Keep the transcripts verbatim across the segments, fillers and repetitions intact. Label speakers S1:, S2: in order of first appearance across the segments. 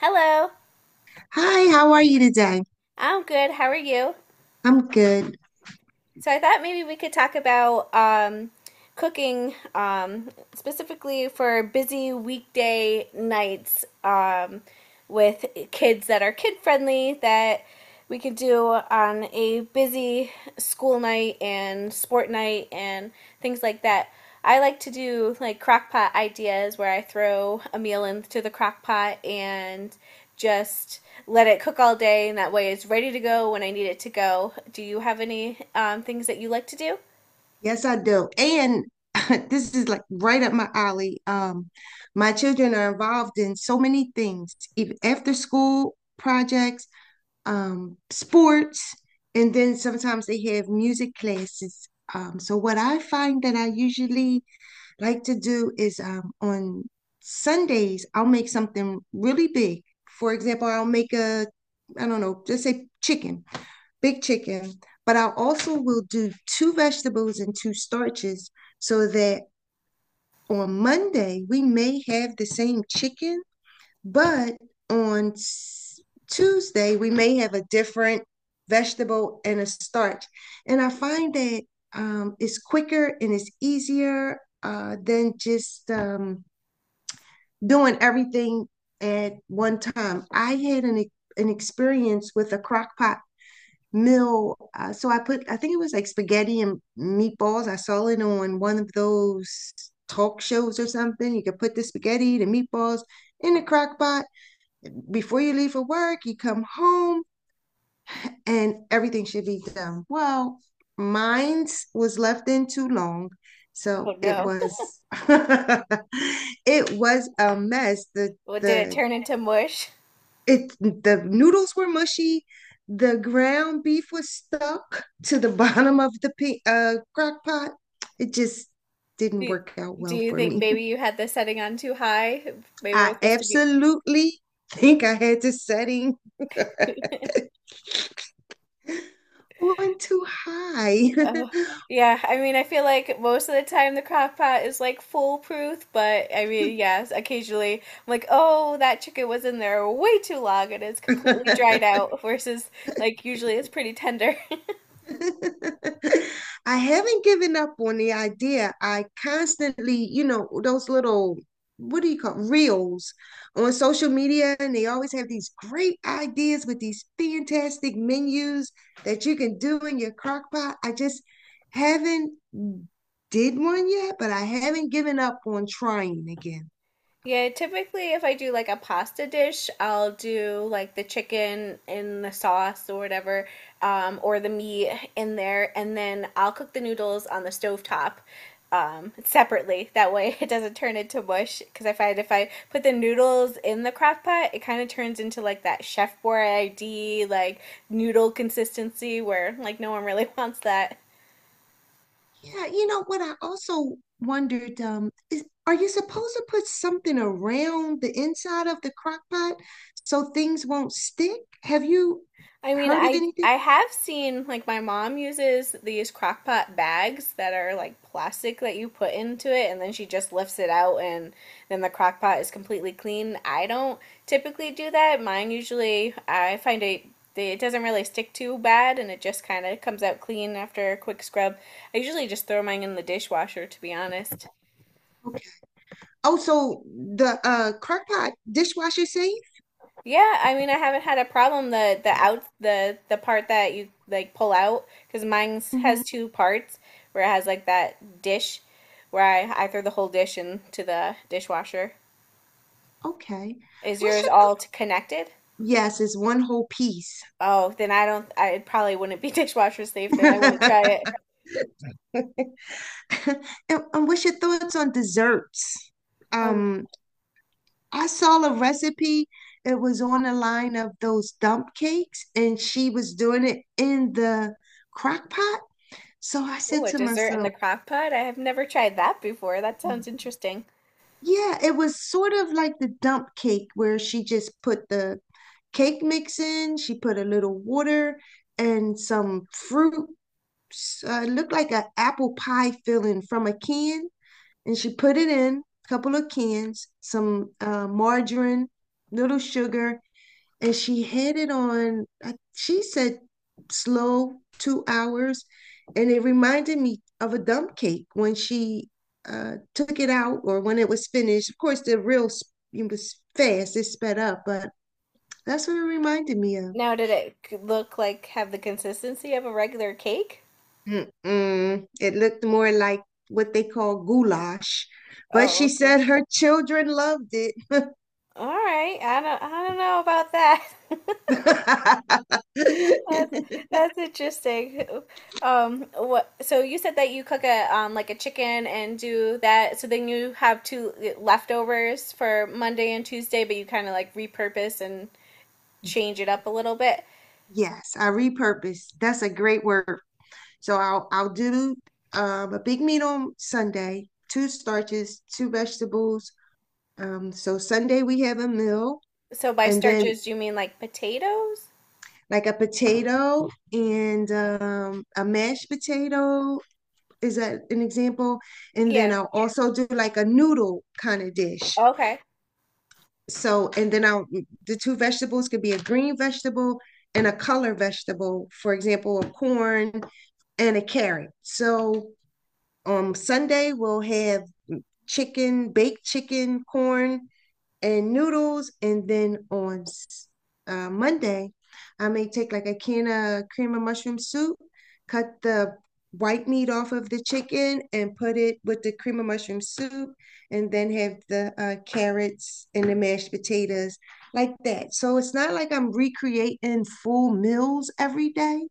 S1: Hello.
S2: Hi, how are you today?
S1: I'm good. How are you?
S2: I'm good.
S1: So I thought maybe we could talk about um, cooking, um, specifically for busy weekday nights, um, with kids that are kid friendly that we could do on a busy school night and sport night and things like that. I like to do like crock pot ideas where I throw a meal into the crock pot and just let it cook all day, and that way it's ready to go when I need it to go. Do you have any um, things that you like to do?
S2: Yes, I do. And this is like right up my alley. Um, my children are involved in so many things, even after school projects, um, sports, and then sometimes they have music classes. Um, so what I find that I usually like to do is um, on Sundays, I'll make something really big. For example, I'll make a, I don't know, just say chicken. Big chicken, but I also will do two vegetables and two starches so that on Monday we may have the same chicken, but on Tuesday we may have a different vegetable and a starch. And I find that um, it's quicker and it's easier uh, than just um, doing everything at one time. I had an, e- an experience with a crock pot meal. Uh, so I put, I think it was like spaghetti and meatballs. I saw it on one of those talk shows or something. You could put the spaghetti, the meatballs in the crock pot. Before you leave for work, you come home and everything should be done. Well, mine's was left in too long.
S1: Oh
S2: So it
S1: no.
S2: was, it was a mess. The
S1: What did it
S2: the
S1: turn into, mush?
S2: it the noodles were mushy, the ground beef was stuck to the bottom of the uh, crock pot. It just
S1: Do
S2: didn't
S1: you,
S2: work out
S1: do
S2: well
S1: you
S2: for
S1: think
S2: me.
S1: maybe you had the setting on too high? Maybe it was
S2: I
S1: supposed to be.
S2: absolutely think I had the setting on too high.
S1: Oh, yeah. I mean, I feel like most of the time the crock pot is like foolproof, but I mean, yes, occasionally I'm like, oh, that chicken was in there way too long and it's completely dried out, versus like usually it's pretty tender.
S2: I haven't given up on the idea. I constantly, you know, those little, what do you call it, reels on social media, and they always have these great ideas with these fantastic menus that you can do in your crock pot. I just haven't did one yet, but I haven't given up on trying again.
S1: Yeah, typically if I do like a pasta dish, I'll do like the chicken in the sauce or whatever, um, or the meat in there, and then I'll cook the noodles on the stovetop um, separately. That way it doesn't turn into mush. Because I find if I put the noodles in the crock pot, it kind of turns into like that Chef Boyardee like noodle consistency where like no one really wants that.
S2: Yeah, you know what I also wondered um is are you supposed to put something around the inside of the crock pot so things won't stick? Have you
S1: I mean,
S2: heard of
S1: I
S2: anything?
S1: I have seen like my mom uses these crock pot bags that are like plastic that you put into it and then she just lifts it out and then the crock pot is completely clean. I don't typically do that. Mine usually I find it it doesn't really stick too bad and it just kind of comes out clean after a quick scrub. I usually just throw mine in the dishwasher to be honest.
S2: Oh, so the uh crock pot dishwasher safe?
S1: Yeah, I mean, I haven't had a problem the the out the the part that you like pull out because mine has
S2: Hmm.
S1: two parts where it has like that dish where I I throw the whole dish into the dishwasher.
S2: Okay.
S1: Is
S2: What's
S1: yours
S2: your th-
S1: all t- connected?
S2: yes, it's one whole piece.
S1: Oh, then I don't. I it probably wouldn't be dishwasher safe. Then I want to try it.
S2: And, and what's your thoughts on desserts?
S1: Oh,
S2: Um, I saw a recipe. It was on the line of those dump cakes, and she was doing it in the crock pot. So I
S1: oh,
S2: said
S1: a
S2: to
S1: dessert in the
S2: myself,
S1: crock pot. I have never tried that before. That sounds interesting.
S2: yeah, it was sort of like the dump cake where she just put the cake mix in, she put a little water and some fruit. s- Uh, it looked like an apple pie filling from a can, and she put it in, a couple of cans, some uh, margarine, little sugar, and she had it on, she said slow two hours. And it reminded me of a dump cake when she uh, took it out or when it was finished. Of course, the real it was fast, it sped up, but that's what it reminded me of.
S1: Now, did it c- look like, have the consistency of a regular cake?
S2: Mm-mm. It looked more like what they call goulash, but
S1: Oh,
S2: she
S1: okay.
S2: said her children loved it.
S1: All right. I don't I don't know about that. That's that's interesting. Um, what, so you said that you cook a um like a chicken and do that so then you have two eh, leftovers for Monday and Tuesday but you kind of like repurpose and change it up a little bit.
S2: Yes, I repurposed. That's a great word. So I'll I'll do um, a big meal on Sunday, two starches, two vegetables. Um, so Sunday we have a meal,
S1: So by
S2: and then
S1: starches do you mean like potatoes?
S2: like a potato and um, a mashed potato, is that an example? And then
S1: Yeah.
S2: I'll also do like a noodle kind of dish.
S1: Okay.
S2: So and then I'll the two vegetables could be a green vegetable and a color vegetable, for example, a corn and a carrot. So on Sunday we'll have chicken, baked chicken, corn, and noodles. And then on uh, Monday, I may take like a can of cream of mushroom soup, cut the white meat off of the chicken, and put it with the cream of mushroom soup, and then have the uh, carrots and the mashed potatoes like that. So it's not like I'm recreating full meals every day.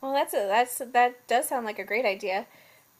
S1: Well, that's a that's that does sound like a great idea.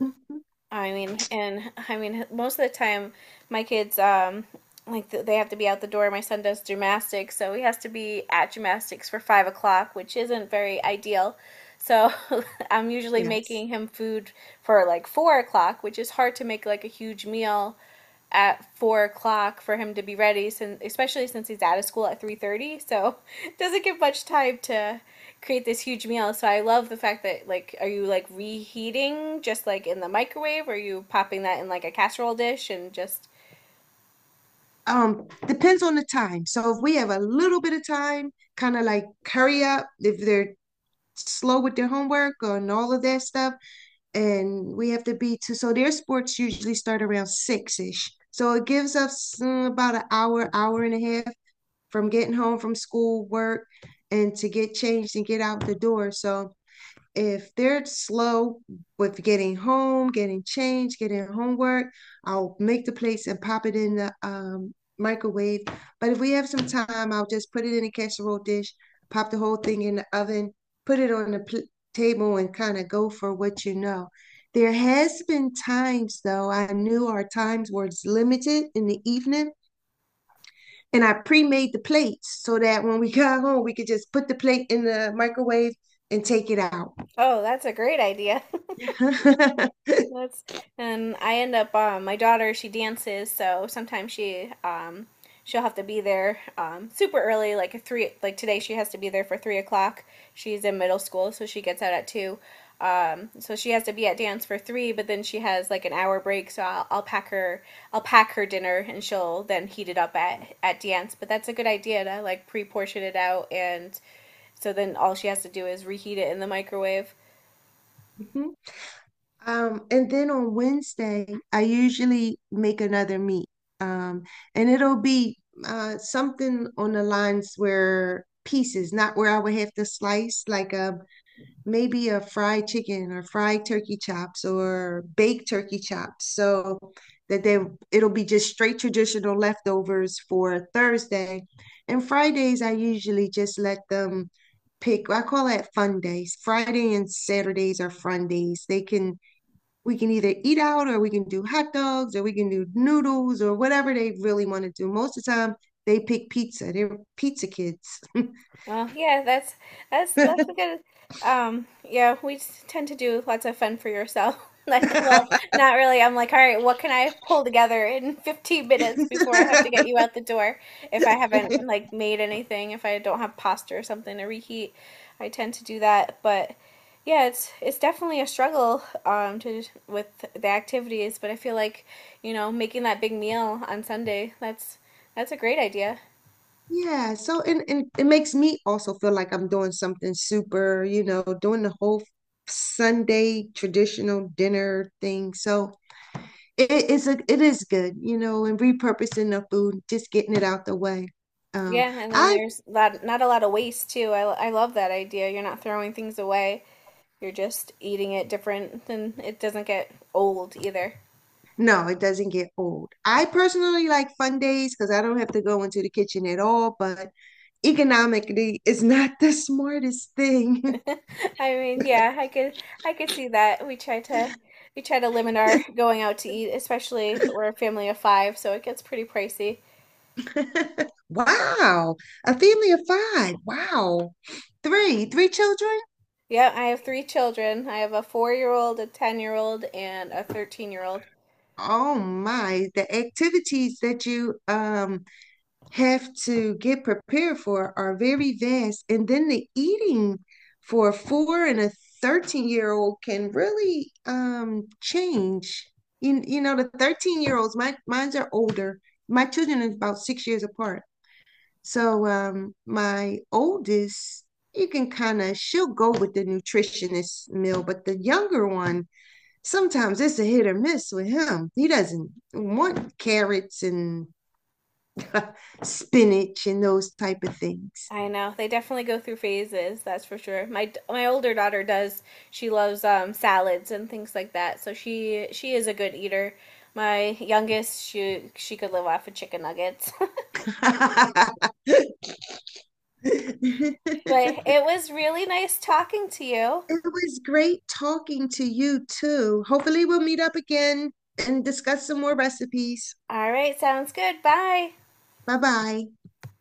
S2: Mhm.
S1: I mean, and I mean, most of the time, my kids, um, like th- they have to be out the door. My son does gymnastics, so he has to be at gymnastics for five o'clock, which isn't very ideal. So I'm usually
S2: Yes.
S1: making him food for like four o'clock, which is hard to make like a huge meal at four o'clock for him to be ready, since especially since he's out of school at three thirty. So it doesn't give much time to create this huge meal. So I love the fact that like, are you like reheating just like in the microwave? Or are you popping that in like a casserole dish and just?
S2: Um, depends on the time, so if we have a little bit of time, kind of like hurry up if they're slow with their homework and all of that stuff, and we have to be to, so their sports usually start around six-ish, so it gives us mm, about an hour hour and a half from getting home from school work and to get changed and get out the door. So if they're slow with getting home, getting changed, getting homework, I'll make the plates and pop it in the um, microwave. But if we have some time, I'll just put it in a casserole dish, pop the whole thing in the oven, put it on the pl- table, and kind of go for what you know. There has been times though I knew our times were limited in the evening, and I pre-made the plates so that when we got home, we could just put the plate in the microwave and take it out.
S1: Oh, that's a great idea. That's, and I end up um, my daughter she dances so sometimes she um she'll have to be there um super early like at three, like today she has to be there for three o'clock. She's in middle school so she gets out at two, um so she has to be at dance for three but then she has like an hour break so I'll, I'll pack her, I'll pack her dinner and she'll then heat it up at at dance, but that's a good idea to like pre-portion it out and so then all she has to do is reheat it in the microwave.
S2: Mhm. Um, and then on Wednesday, I usually make another meat. Um, and it'll be uh, something on the lines where pieces, not where I would have to slice, like a maybe a fried chicken or fried turkey chops or baked turkey chops so that they it'll be just straight traditional leftovers for Thursday. And Fridays I usually just let them pick. I call that fun days. Friday and Saturdays are fun days. They can, we can either eat out or we can do hot dogs or we can do noodles or whatever they really want to do. Most of the time they pick pizza. They're pizza kids.
S1: Well, yeah, that's that's that's a good um, yeah, we s- tend to do lots of fun for yourself. Like, well, not really. I'm like, all right, what can I pull together in fifteen minutes before I have to get you out the door? If I haven't like made anything, if I don't have pasta or something to reheat, I tend to do that. But yeah, it's it's definitely a struggle um to with the activities, but I feel like, you know, making that big meal on Sunday, that's that's a great idea.
S2: Yeah, so and, and it makes me also feel like I'm doing something super, you know, doing the whole Sunday traditional dinner thing. So it it is a it is good, you know, and repurposing the food, just getting it out the way. Um,
S1: Yeah, and then
S2: I
S1: there's that, not a lot of waste too. I, I love that idea. You're not throwing things away. You're just eating it different and it doesn't get old either.
S2: no, it doesn't get old. I personally like fun days because I don't have to go into the kitchen at all, but economically, it's not the smartest thing.
S1: I mean, yeah, I could I could see that. We try to we try to limit our going out to eat, especially we're a family of five, so it gets pretty pricey.
S2: Wow. A family of five. Wow. Three, three children?
S1: Yeah, I have three children. I have a four-year-old, a ten-year-old, and a thirteen-year-old.
S2: Oh my. The activities that you um have to get prepared for are very vast. And then the eating for a four and a thirteen year old can really um change. You, you know, the thirteen year olds, my mine's are older. My children are about six years apart. So um, my oldest, you can kind of she'll go with the nutritionist meal, but the younger one, sometimes it's a hit or miss with him. He doesn't want carrots and spinach and those type of things.
S1: I know. They definitely go through phases, that's for sure. My my older daughter does. She loves um salads and things like that. So she she is a good eater. My youngest, she she could live off of chicken nuggets. But it was really nice talking to you.
S2: It was great talking to you too. Hopefully we'll meet up again and discuss some more recipes.
S1: All right, sounds good. Bye.
S2: Bye bye.